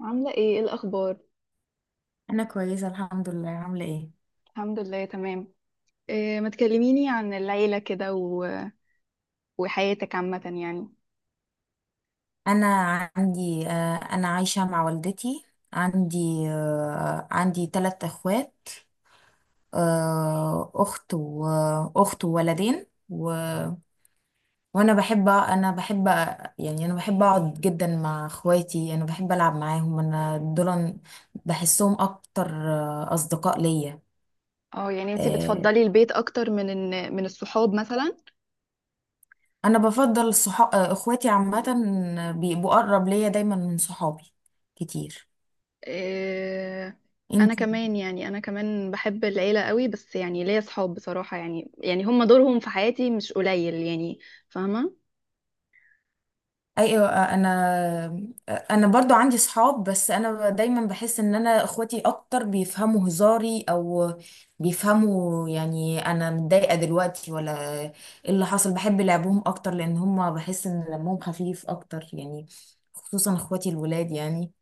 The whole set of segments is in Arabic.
عاملة ايه الأخبار؟ انا كويسه الحمد لله. عامله ايه؟ الحمد لله تمام. إيه، ما تكلميني عن العيلة كده وحياتك عامة يعني. انا انا عايشه مع والدتي. عندي عندي ثلاث اخوات. اخت واخت وولدين وانا بحب. يعني انا بحب اقعد جدا مع اخواتي. انا بحب العب معاهم. انا دول بحسهم اكتر، اصدقاء ليا. اه، يعني انتي آه، بتفضلي البيت أكتر من الصحاب مثلا؟ انا بفضل صحاب اخواتي عامه، بيبقوا اقرب ليا دايما من صحابي كتير. إيه، أنا انت؟ كمان يعني أنا كمان بحب العيلة قوي، بس يعني ليا صحاب بصراحة، يعني هم دورهم في حياتي مش قليل يعني. فاهمة؟ ايوه. انا برضو عندي صحاب. بس انا دايما بحس ان انا اخواتي اكتر بيفهموا هزاري، او بيفهموا يعني انا متضايقه دلوقتي ولا ايه اللي حصل. بحب لعبهم اكتر لان هم بحس ان دمهم خفيف اكتر، يعني خصوصا اخواتي الولاد. يعني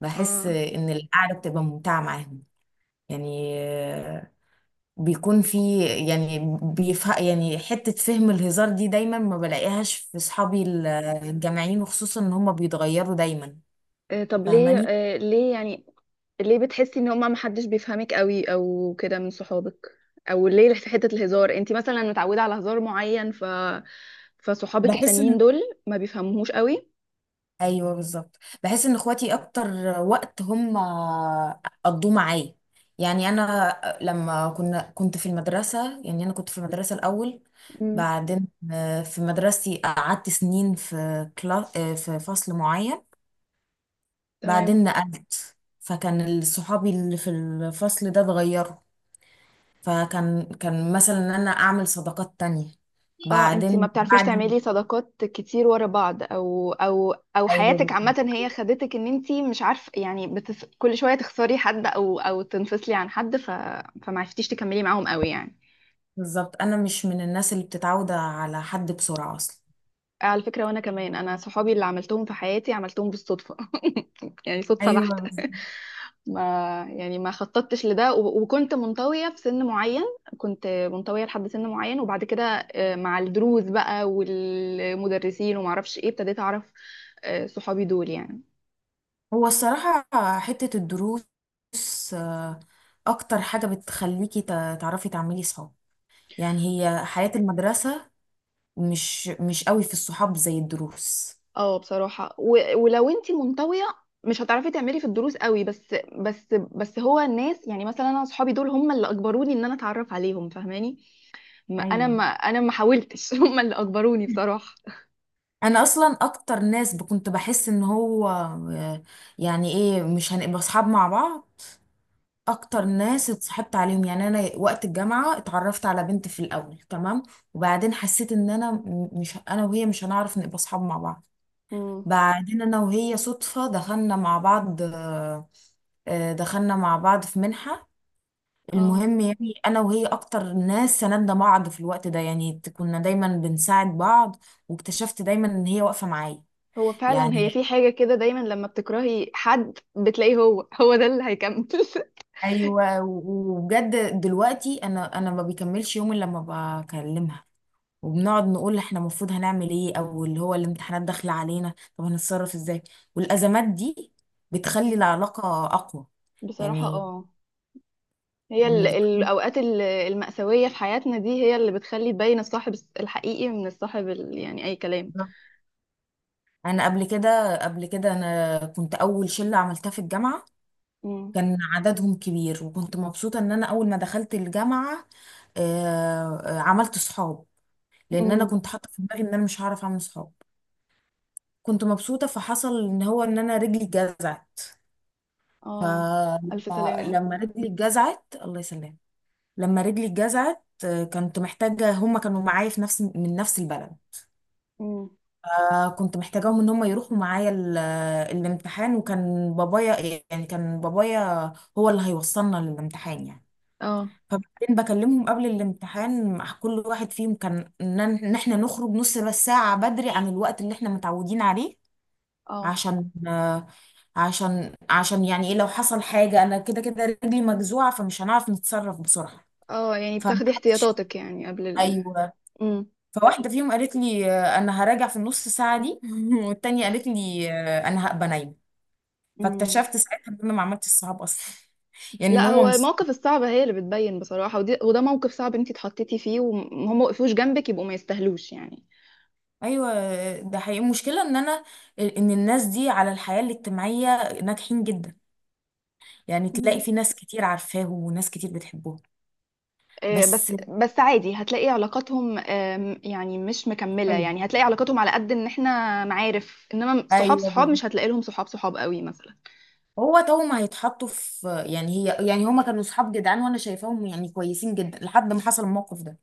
بحس اه. ان القعده بتبقى ممتعه معاهم. يعني بيكون في، يعني بيفهم، يعني حتة فهم الهزار دي دايما ما بلاقيهاش في صحابي الجامعيين، وخصوصا ان هم بيتغيروا دايما. إيه طب ليه، فاهماني؟ إيه ليه يعني؟ ليه بتحسي ان هما محدش بيفهمك قوي او كده من صحابك؟ او ليه في حتة الهزار انت مثلا متعودة على هزار معين، فصحابك بحس التانيين ان، دول ما بيفهموهوش قوي؟ ايوه بالظبط، بحس ان اخواتي اكتر وقت هم قضوه معايا. يعني انا لما كنت في المدرسة. يعني انا كنت في المدرسة الاول. مم. بعدين في مدرستي قعدت سنين في كلا، في فصل معين. تمام. بعدين نقلت، فكان صحابي اللي في الفصل ده اتغيروا. فكان مثلا ان انا اعمل صداقات تانية. اه، انت ما بعدين بتعرفيش بعد تعملي صداقات كتير ورا بعض، او او او ايوه حياتك عامة هي خدتك ان انت مش عارفة يعني كل شوية تخسري حد او او تنفصلي عن حد، فما عرفتيش تكملي معاهم قوي يعني. بالظبط. انا مش من الناس اللي بتتعود على حد بسرعة اصلا. على فكرة وانا كمان، انا صحابي اللي عملتهم في حياتي عملتهم بالصدفة يعني صدفة ايوه بحتة بالظبط. ما يعني ما خططتش لده، وكنت منطوية في سن معين، كنت منطوية لحد سن معين وبعد كده مع الدروس بقى والمدرسين ومعرفش ايه ابتديت اعرف صحابي دول يعني. هو الصراحة حتة الدروس، آه، اكتر حاجة بتخليكي تعرفي تعملي صحاب، يعني هي حياة المدرسة. مش قوي في الصحاب زي الدروس. اه بصراحة، ولو انتي منطوية مش هتعرفي تعملي في الدروس قوي، بس هو الناس يعني، مثلا انا صحابي دول هم اللي اجبروني ان انا اتعرف عليهم، فاهماني؟ ما انا ايوه. ما انا ما حاولتش هم اللي اجبروني بصراحة. انا اصلا اكتر ناس كنت بحس ان هو يعني ايه مش هنبقى اصحاب مع بعض، اكتر ناس اتصاحبت عليهم. يعني انا وقت الجامعه اتعرفت على بنت في الاول تمام، وبعدين حسيت ان انا مش انا وهي مش هنعرف نبقى اصحاب مع بعض. امم بعدين انا وهي صدفه دخلنا مع بعض، دخلنا مع بعض في منحه. اه، المهم يعني انا وهي اكتر ناس سندنا بعض في الوقت ده، يعني كنا دايما بنساعد بعض واكتشفت دايما ان هي واقفه معايا. هو فعلا هي يعني في حاجة كده دايما، لما بتكرهي حد بتلاقيه هو ده اللي هيكمل. ايوه وبجد دلوقتي انا ما بيكملش يوم الا لما بكلمها، وبنقعد نقول احنا المفروض هنعمل ايه، او اللي هو الامتحانات داخله علينا طب هنتصرف ازاي. والازمات دي بتخلي العلاقه اقوى، بصراحة يعني. اه، هي يعني. الأوقات المأساوية في حياتنا دي هي اللي بتخلي تبين الصاحب الحقيقي من الصاحب يعني أي كلام. انا قبل كده انا كنت اول شله عملتها في الجامعه. امم كان عددهم كبير وكنت مبسوطه ان انا اول ما دخلت الجامعه عملت صحاب، لان انا امم كنت حاطه في دماغي ان انا مش هعرف اعمل صحاب. كنت مبسوطة، فحصل ان هو ان انا رجلي اتجزعت. اه. ألف فلما سلامة. لما رجلي اتجزعت، الله يسلم. لما رجلي اتجزعت كنت محتاجة، هما كانوا معايا في نفس من نفس البلد. امم كنت محتاجاهم ان هما يروحوا معايا الامتحان، وكان بابايا، يعني كان بابايا هو اللي هيوصلنا للامتحان. يعني اه فبعدين بكلمهم قبل الامتحان، مع كل واحد فيهم كان ان إن احنا نخرج نص بس ساعة بدري عن الوقت اللي احنا متعودين عليه. اه، عشان عشان يعني ايه لو حصل حاجة، انا كده كده رجلي مجزوعة فمش هنعرف نتصرف بسرعة. اه يعني بتاخدي فمحدش. احتياطاتك يعني قبل ايوه. فواحدة فيهم قالت لي انا هراجع في النص ساعة دي. والتانية قالت لي انا هبقى نايمة. امم فاكتشفت ساعتها ان انا ما عملتش الصحاب اصلا. يعني ان لا، هما هو مش المواقف صحاب. الصعبة هي اللي بتبين بصراحة، ودي وده موقف صعب انتي اتحطيتي فيه وهم وقفوش جنبك، يبقوا ما يستاهلوش يعني. ايوه ده حقيقي. المشكلة ان انا ان الناس دي على الحياة الاجتماعية ناجحين جدا، يعني تلاقي مم. في ناس كتير عارفاهم وناس كتير بتحبهم. بس بس بس عادي هتلاقي علاقاتهم، يعني مش مكملة، ايوه يعني هتلاقي علاقاتهم على قد ان احنا معارف، انما صحاب صحاب أيوة. مش هتلاقي لهم صحاب صحاب قوي مثلا. هو توم هيتحطوا في، يعني هي، يعني هما كانوا صحاب جدعان وانا شايفاهم يعني كويسين جدا لحد ما حصل الموقف ده.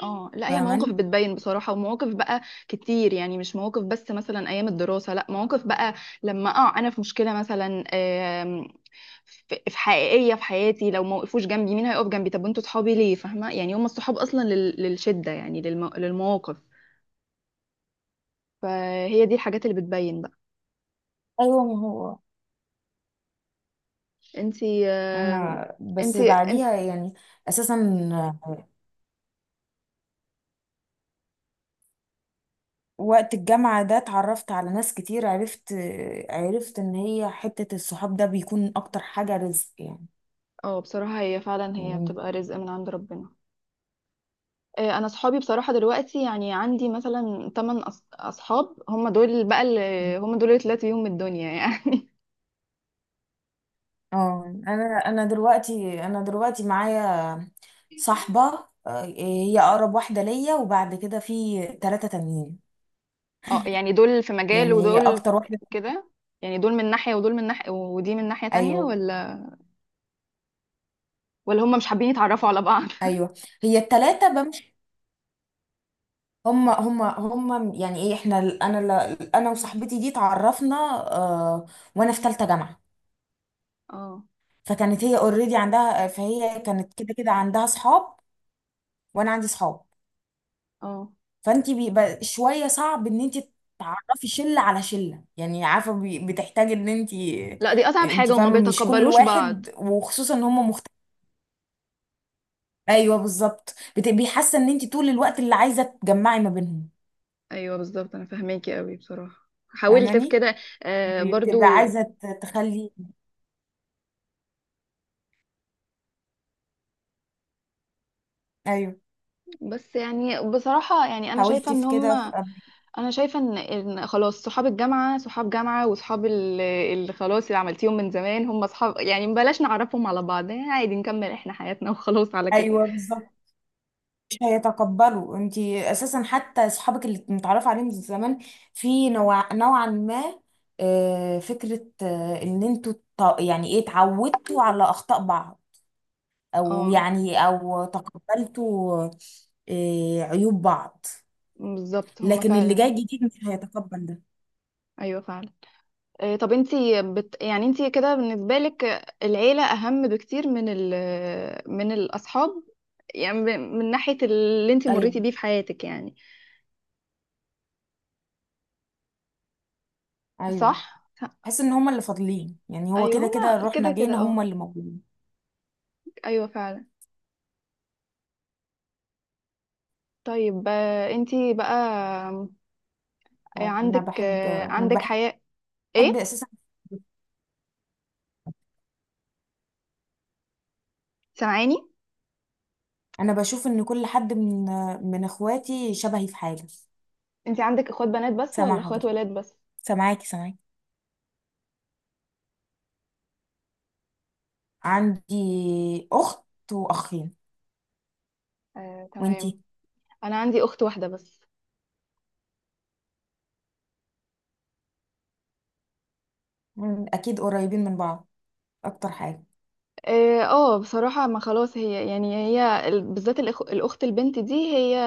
اه لا، هي المواقف فاهماني؟ بتبين بصراحة، ومواقف بقى كتير، يعني مش مواقف بس مثلا أيام الدراسة، لا مواقف بقى. لما اه أنا في مشكلة مثلا في حقيقية في حياتي، لو ما وقفوش جنبي مين هيقف جنبي؟ طب انتوا صحابي ليه، فاهمة يعني؟ هم الصحاب أصلا للشدة يعني، للمواقف. فهي دي الحاجات اللي بتبين بقى. ايوه ما هو انتي انا بس انت بعديها، يعني اساسا وقت الجامعة ده اتعرفت على ناس كتير. عرفت ان هي حتة الصحاب ده بيكون اكتر حاجة رزق، يعني. اه بصراحة هي فعلا هي يعني بتبقى رزق من عند ربنا. انا اصحابي بصراحه دلوقتي يعني عندي مثلا 8 اصحاب، هم دول بقى اللي، هم دول اللي طلعت بيهم الدنيا يعني. اه انا دلوقتي دلوقتي معايا صاحبة، هي اقرب واحدة ليا، وبعد كده في ثلاثة تانيين. اه، يعني دول في مجال يعني هي ودول في اكتر واحده. كده يعني، دول من ناحيه ودول من ناحيه ودي من ناحيه تانية، ايوه ولا ولا هم مش حابين يتعرفوا على بعض؟ ايوه. هي التلاتة بمشي. هم، يعني ايه احنا انا، انا وصاحبتي دي اتعرفنا، آه، وانا في تالتة جامعة. اه فكانت هي اوريدي عندها، فهي كانت كده كده عندها صحاب وانا عندي صحاب. اه. فانت بيبقى شوية صعب ان انت تعرفي شلة على شلة، يعني عارفة بتحتاج ان انت لا دي اصعب حاجه انت وما فاهمة مش كل بيتقبلوش بعض. واحد، وخصوصا ان هم مختلفين. ايوه بالظبط بيحس ان انت طول الوقت اللي عايزة تجمعي ما بينهم. ايوه بالظبط، انا فاهماكي قوي بصراحه، حاولت في فاهماني؟ كده يعني بتبقى برضو. عايزة تخلي. ايوه بس يعني بصراحه يعني انا شايفه حاولتي ان في هم كده في قبل. انا شايفه ان إن خلاص، صحاب الجامعه صحاب جامعه، وصحاب اللي خلاص اللي عملتيهم من زمان هم صحاب، يعني بلاش نعرفهم على بعض يعني، عادي نكمل احنا حياتنا وخلاص على كده. ايوه بالظبط مش هيتقبلوا. انتي اساسا حتى اصحابك اللي متعرف عليهم من زمان، في نوع نوعا ما فكرة ان انتوا يعني ايه اتعودتوا على اخطاء بعض، او اه يعني او تقبلتوا عيوب بعض. بالظبط هم لكن اللي جاي فعلا. جديد مش هيتقبل ده. ايوه فعلا. إيه، طب يعني انتي كده بالنسبه لك العيله اهم بكتير من الاصحاب، من ناحيه اللي انتي ايوه مريتي بيه في حياتك يعني، ايوه. صح؟ حس ان هما اللي فاضلين، يعني هو ايوه كده هما كده كده رحنا جينا كده اه. هما اللي موجودين. ايوه فعلا. طيب انتي بقى انا عندك بحب انا عندك حياة، بحب ايه، اساسا سامعاني؟ انا بشوف ان كل حد من من اخواتي شبهي في حاجه. انت عندك اخوات بنات بس ولا سامعه اخوات حضرتك. ولاد بس؟ سامعاكي. عندي اخت واخين. تمام. وانتي؟ انا عندي اخت واحدة بس. مم، اكيد قريبين من بعض اكتر حاجه. اه بصراحة، ما خلاص هي يعني هي بالذات الاخت البنت دي هي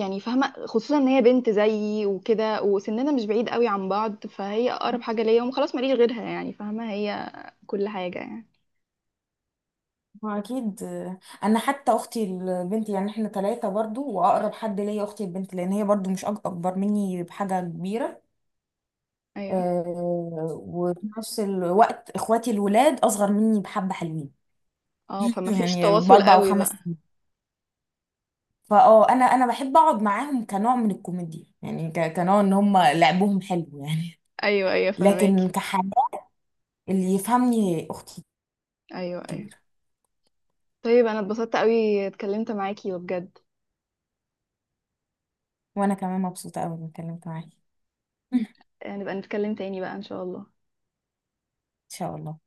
يعني فاهمة، خصوصا ان هي بنت زيي وكده وسننا مش بعيد قوي عن بعض، فهي اقرب حاجة ليا وخلاص، ماليش غيرها يعني، فاهمة؟ هي كل حاجة يعني. ما اكيد، انا حتى اختي البنت، يعني احنا ثلاثه برضو واقرب حد ليا اختي البنت، لان هي برضو مش اكبر مني بحاجه كبيره. ايوه. أه، وفي نفس الوقت اخواتي الولاد اصغر مني بحبه، حلوين. اه فما فيش يعني تواصل باربع قوي وخمس بقى. سنين انا بحب اقعد معاهم كنوع من الكوميديا، يعني ك- كنوع ان هم لعبهم حلو. يعني ايوه ايوه لكن فهماكي. كحاجة، اللي يفهمني اختي ايوه ايوه. الكبيرة. طيب انا اتبسطت قوي اتكلمت معاكي وبجد، وانا كمان مبسوطة قوي اني اتكلمت معاكي. ان نبقى نتكلم تاني بقى ان شاء الله. شاء الله.